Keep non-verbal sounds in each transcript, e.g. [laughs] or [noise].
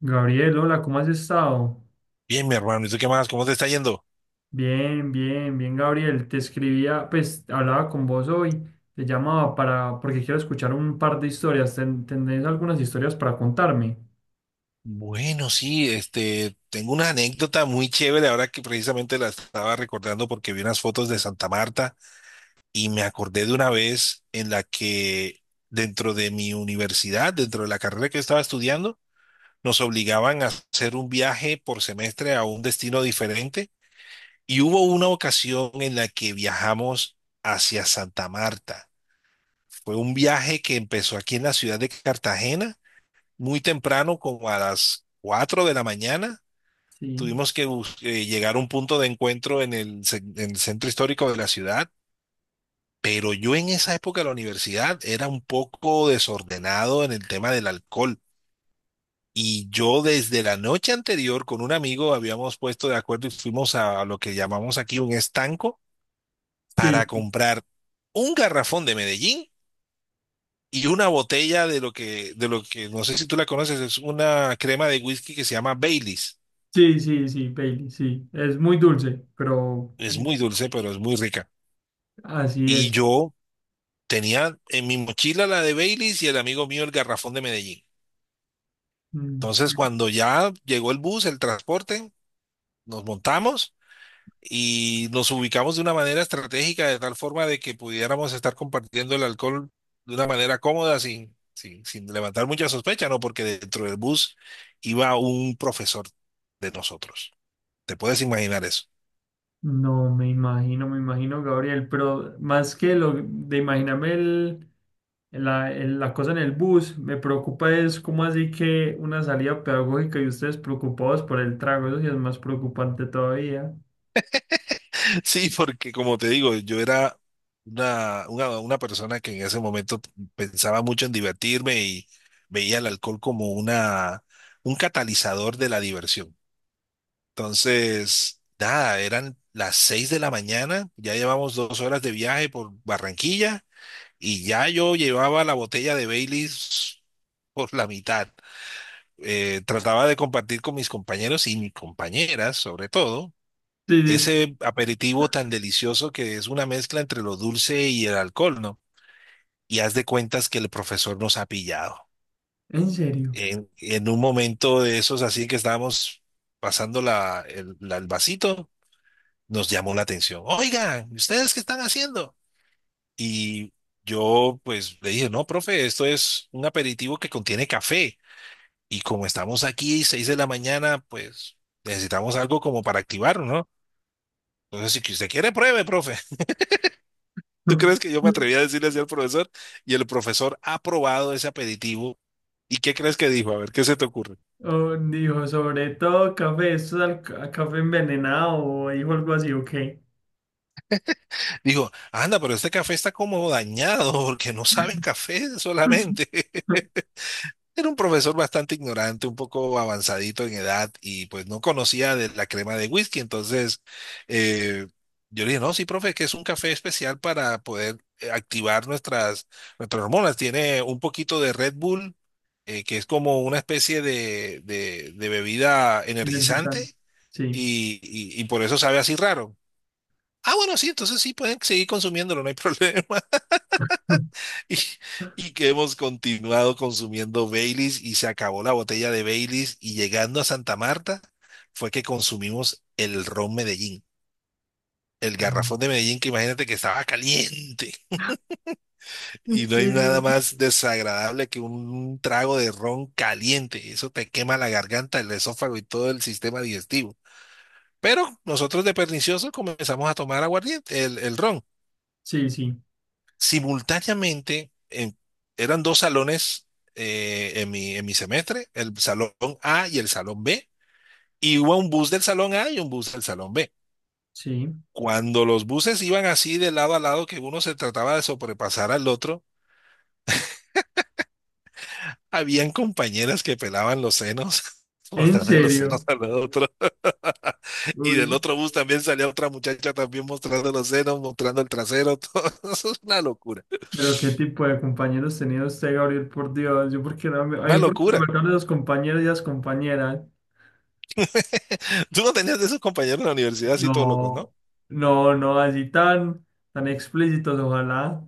Gabriel, hola, ¿cómo has estado? Bien, mi hermano, ¿y tú qué más? ¿Cómo te está yendo? Bien, bien, bien, Gabriel. Te escribía, pues hablaba con vos hoy, te llamaba para, porque quiero escuchar un par de historias. ¿Tenés algunas historias para contarme? Bueno, sí, tengo una anécdota muy chévere ahora que precisamente la estaba recordando porque vi unas fotos de Santa Marta y me acordé de una vez en la que dentro de mi universidad, dentro de la carrera que estaba estudiando, nos obligaban a hacer un viaje por semestre a un destino diferente y hubo una ocasión en la que viajamos hacia Santa Marta. Fue un viaje que empezó aquí en la ciudad de Cartagena muy temprano, como a las 4 de la mañana. Sí, Tuvimos que llegar a un punto de encuentro en en el centro histórico de la ciudad, pero yo en esa época de la universidad era un poco desordenado en el tema del alcohol. Y yo desde la noche anterior con un amigo habíamos puesto de acuerdo y fuimos a lo que llamamos aquí un estanco para sí, comprar un garrafón de Medellín y una botella de lo que, no sé si tú la conoces, es una crema de whisky que se llama Baileys. sí, sí, sí, Bailey, sí. Es muy dulce, pero Es muy dulce, pero es muy rica. así Y es. yo tenía en mi mochila la de Baileys y el amigo mío el garrafón de Medellín. Mm, sí. Entonces, cuando ya llegó el bus, el transporte, nos montamos y nos ubicamos de una manera estratégica, de tal forma de que pudiéramos estar compartiendo el alcohol de una manera cómoda, sin levantar mucha sospecha, ¿no? Porque dentro del bus iba un profesor de nosotros. ¿Te puedes imaginar eso? No, me imagino, Gabriel, pero más que lo de imaginarme el la, la cosa en el bus. Me preocupa es cómo así que una salida pedagógica y ustedes preocupados por el trago. Eso sí es más preocupante todavía. [laughs] Sí, porque como te digo, yo era una persona que en ese momento pensaba mucho en divertirme y veía el alcohol como un catalizador de la diversión. Entonces, nada, eran las 6 de la mañana, ya llevamos 2 horas de viaje por Barranquilla y ya yo llevaba la botella de Baileys por la mitad. Trataba de compartir con mis compañeros y mis compañeras, sobre todo Sí, sí, sí. ese aperitivo tan delicioso que es una mezcla entre lo dulce y el alcohol, ¿no? Y haz de cuentas que el profesor nos ha pillado. En serio. En un momento de esos así que estábamos pasando el vasito, nos llamó la atención. Oigan, ¿ustedes qué están haciendo? Y yo pues le dije, no, profe, esto es un aperitivo que contiene café. Y como estamos aquí, 6 de la mañana, pues necesitamos algo como para activarnos, ¿no? Entonces, si que usted quiere, pruebe, profe. ¿Tú crees que yo me [laughs] atreví a decirle así al profesor? Y el profesor ha probado ese aperitivo. ¿Y qué crees que dijo? A ver, ¿qué se te ocurre? Oh, dijo, sobre todo café, esto es café envenenado, o dijo algo así, ok. Dijo, anda, pero este café está como dañado [laughs] porque no sabe a café solamente. [laughs] Era un profesor bastante ignorante, un poco avanzadito en edad y pues no conocía de la crema de whisky. Entonces eh, yo le dije, no, sí, profe, es que es un café especial para poder activar nuestras hormonas. Tiene un poquito de Red Bull, que es como una especie de, de bebida Energizante. energizante Sí. y por eso sabe así raro. Ah, bueno, sí, entonces sí pueden seguir consumiéndolo, no hay [laughs] problema. [laughs] [laughs] Y, y que hemos continuado consumiendo Baileys y se acabó la botella de Baileys y llegando a Santa Marta fue que consumimos el ron Medellín, el garrafón Ajá. de Medellín que imagínate que estaba caliente Sí, y no hay nada sí, más desagradable que un trago de ron caliente, eso te quema la garganta, el esófago y todo el sistema digestivo. Pero nosotros de perniciosos comenzamos a tomar aguardiente, el ron sí, sí, simultáneamente. Eran dos salones en en mi semestre, el salón A y el salón B. Iba un bus del salón A y un bus del salón B. sí. Cuando los buses iban así de lado a lado, que uno se trataba de sobrepasar al otro, habían compañeras que pelaban los senos, [laughs] En mostrando los senos serio. al otro. [laughs] Y del Uy. otro bus también salía otra muchacha también mostrando los senos, mostrando el trasero, [laughs] todo. Eso es una locura, Pero qué tipo de compañeros tenía usted, Gabriel, por Dios. Yo porque no me, a una mí porque me locura. marcaron esos compañeros y las compañeras. [laughs] Tú no tenías de esos compañeros en la universidad así todos locos, ¿no? No, no, no, así tan, tan explícitos, ojalá.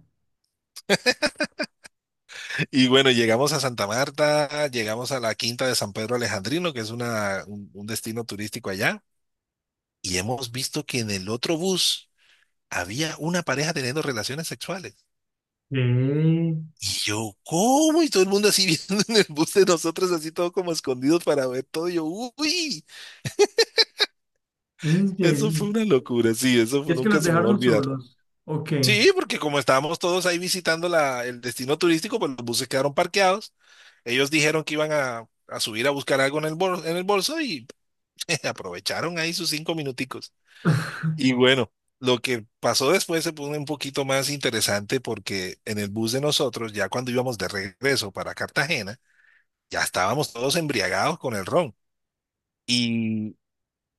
Y bueno, llegamos a Santa Marta, llegamos a la Quinta de San Pedro Alejandrino, que es un destino turístico allá, y hemos visto que en el otro bus había una pareja teniendo relaciones sexuales. ¿Qué? Y yo, ¿cómo? Y todo el mundo así [laughs] viendo en el bus de nosotros, así todo como escondidos para ver todo. Y yo, uy, ¿En eso fue serio? una locura, sí, ¿Es que nunca los se me va a dejaron olvidar. solos? Ok. Sí, porque como estábamos todos ahí visitando el destino turístico, pues los buses quedaron parqueados. Ellos dijeron que iban a subir a buscar algo en el bolso, y [laughs] aprovecharon ahí sus 5 minuticos. Y [laughs] bueno, lo que pasó después se pone un poquito más interesante porque en el bus de nosotros, ya cuando íbamos de regreso para Cartagena, ya estábamos todos embriagados con el ron. Y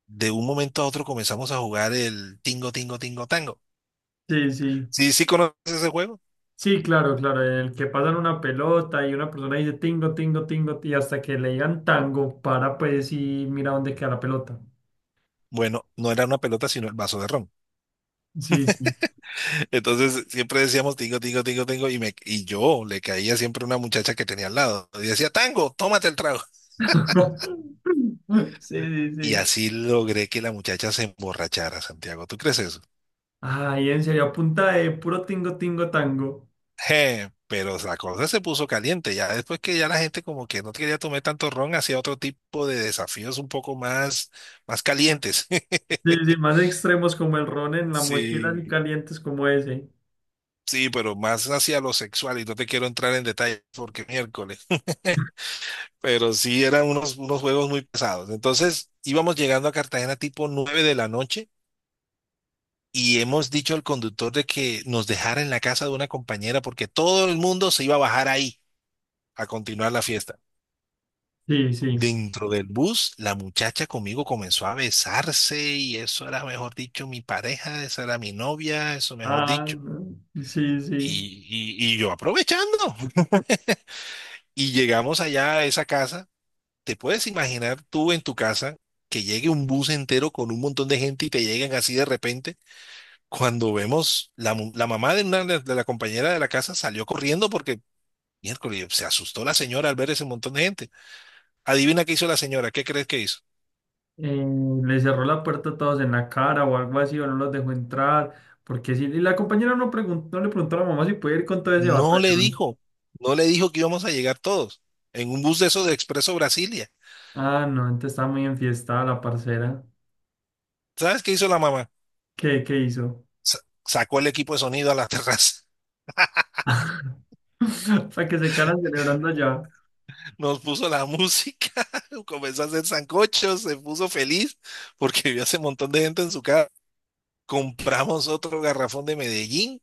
de un momento a otro comenzamos a jugar el tingo, tingo, tingo, tango. Sí, sí. ¿Sí, sí conoces ese juego? Sí, claro, claro. En el que pasan una pelota y una persona dice tingo, tingo, tingo, y hasta que le digan tango, para pues y mira dónde queda la pelota. Bueno, no era una pelota, sino el vaso de ron. Sí, sí. [laughs] Entonces siempre decíamos tingo, tingo, tingo, tingo, y yo le caía siempre una muchacha que tenía al lado. Y decía, tango, tómate el trago. [laughs] [laughs] Sí, sí, Y sí. así logré que la muchacha se emborrachara, Santiago. ¿Tú crees eso? Ay, en serio, a punta de puro tingo, tingo, tango. Je, pero la cosa se puso caliente. Ya después que ya la gente como que no quería tomar tanto ron, hacía otro tipo de desafíos un poco más calientes. [laughs] Sí, sí, más extremos como el ron en la mochila y Sí, calientes como ese. sí, pero más hacia lo sexual. Y no te quiero entrar en detalle porque miércoles. [laughs] Pero sí eran unos juegos muy pesados. Entonces íbamos llegando a Cartagena tipo 9 de la noche y hemos dicho al conductor de que nos dejara en la casa de una compañera porque todo el mundo se iba a bajar ahí a continuar la fiesta. Sí, sí. Dentro del bus, la muchacha conmigo comenzó a besarse y eso era, mejor dicho, mi pareja, esa era mi novia, eso mejor Ah, dicho. no, sí, sí. Y, y yo aprovechando. [laughs] Y llegamos allá a esa casa. ¿Te puedes imaginar tú en tu casa que llegue un bus entero con un montón de gente y te lleguen así de repente? Cuando vemos la mamá de la compañera de la casa salió corriendo porque miércoles se asustó la señora al ver ese montón de gente. Adivina qué hizo la señora, ¿qué crees que hizo? Eh, le cerró la puerta a todos en la cara o algo así, o no los dejó entrar. Porque sí, y la compañera no, no le preguntó a la mamá si puede ir con todo ese No le batallón. dijo, que íbamos a llegar todos en un bus de esos de Expreso Brasilia. Ah, no, entonces estaba muy enfiestada la parcera. ¿Sabes qué hizo la mamá? ¿Qué, qué hizo? Sa- Sacó el equipo de sonido a la [laughs] terraza. [laughs] Para que se quedaran celebrando allá. Nos puso la música, [laughs] comenzó a hacer sancochos, se puso feliz porque vio ese montón de gente en su casa. Compramos otro garrafón de Medellín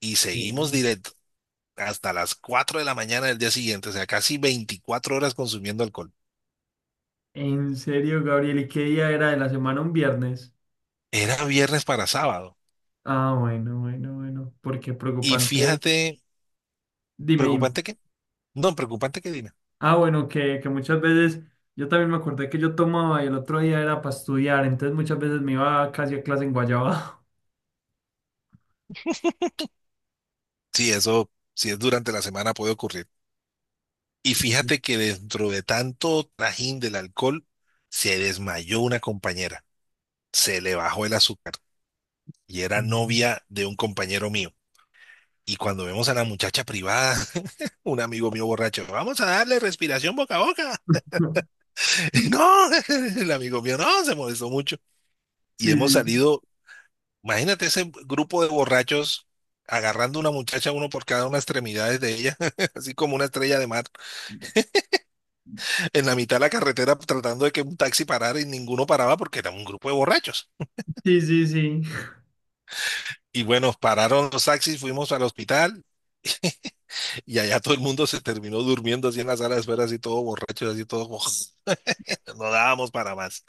y seguimos Sí. directo hasta las 4 de la mañana del día siguiente, o sea, casi 24 horas consumiendo alcohol. En serio, Gabriel, ¿y qué día era de la semana? ¿Un viernes? Era viernes para sábado. Ah, bueno, bueno, bueno, porque Y preocupante. fíjate, Dime, dime. preocupante que, no, preocupante que Dina. Ah, bueno, que muchas veces yo también me acordé que yo tomaba y el otro día era para estudiar, entonces muchas veces me iba casi a clase en Guayaba. Sí, eso, si es durante la semana puede ocurrir. Y fíjate que dentro de tanto trajín del alcohol, se desmayó una compañera, se le bajó el azúcar y era novia [laughs] de un compañero mío. Y cuando vemos a la muchacha privada, [laughs] un amigo mío borracho, vamos a darle respiración boca a boca. [laughs] No, [laughs] el amigo mío no, se molestó mucho. Y hemos Sí, sí, salido, imagínate ese grupo de borrachos agarrando una muchacha, uno por cada una extremidades de ella, [laughs] así como una estrella de mar, en la mitad de la carretera tratando de que un taxi parara y ninguno paraba porque era un grupo de borrachos. sí, sí, sí. Sí. Y bueno, pararon los taxis, fuimos al hospital. [laughs] Y allá todo el mundo se terminó durmiendo así en la sala de espera, así todo borracho, así todo como [laughs] no dábamos para más.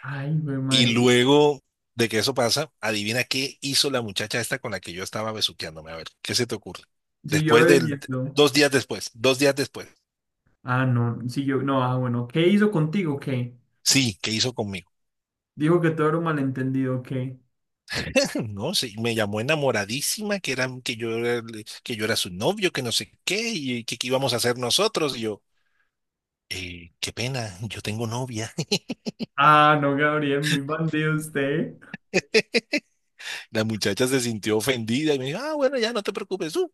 Ay, güey, Y madre. luego de que eso pasa, adivina qué hizo la muchacha esta con la que yo estaba besuqueándome. A ver, ¿qué se te ocurre? Siguió Después del, bebiendo. 2 días después. Ah, no, siguió, no, ah, bueno, ¿qué hizo contigo? ¿Qué? Sí, ¿qué hizo conmigo? Dijo que todo era un malentendido, ¿qué? [laughs] No, sí, me llamó enamoradísima, que era, que yo era, que yo era su novio, que no sé qué, y que qué íbamos a hacer nosotros. Y yo, qué pena, yo tengo novia. Ah, no, Gabriel, muy bandido usted. [laughs] La muchacha se sintió ofendida y me dijo, ah, bueno, ya no te preocupes.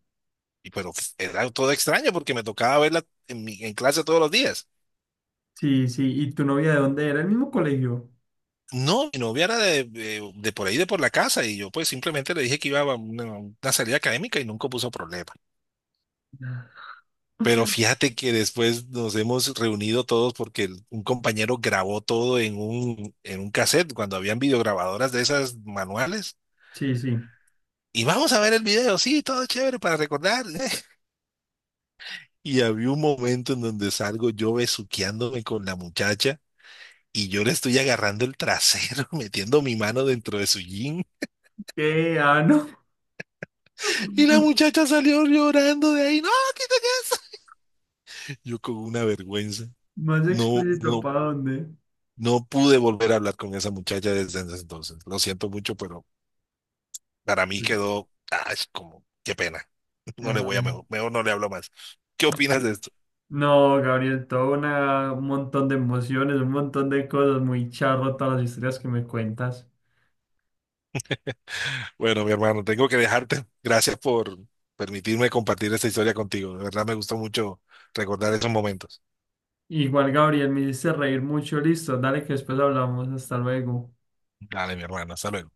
Pero era todo extraño porque me tocaba verla en clase todos los días. Sí, sí, ¿y tu novia de dónde era? ¿El mismo colegio? No, mi novia era de por ahí, de por la casa, y yo pues simplemente le dije que iba a una salida académica y nunca puso problema. Ah, Pero fíjate que después nos hemos reunido todos porque un compañero grabó todo en un cassette cuando habían videograbadoras de esas manuales. sí, sí. Y vamos a ver el video, sí, todo chévere para recordar. [laughs] Y había un momento en donde salgo yo besuqueándome con la muchacha. Y yo le estoy agarrando el trasero, [laughs] metiendo mi mano dentro de su jean. ¿Qué? Ah, no. Y la [laughs] muchacha salió llorando de ahí. No, quítate eso. Yo con una vergüenza. Más No, explícito, no, ¿para dónde? no pude volver a hablar con esa muchacha desde ese entonces. Lo siento mucho, pero para mí Sí. quedó, ay, como, qué pena. [laughs] No le Ajá. voy a mejor, Mejor no le hablo más. ¿Qué opinas de esto? No, Gabriel, todo un montón de emociones, un montón de cosas, muy charro todas las historias que me cuentas. Bueno, mi hermano, tengo que dejarte. Gracias por permitirme compartir esta historia contigo. De verdad me gustó mucho recordar esos momentos. Igual, Gabriel, me hiciste reír mucho, listo, dale que después hablamos, hasta luego. Dale, mi hermano, hasta luego.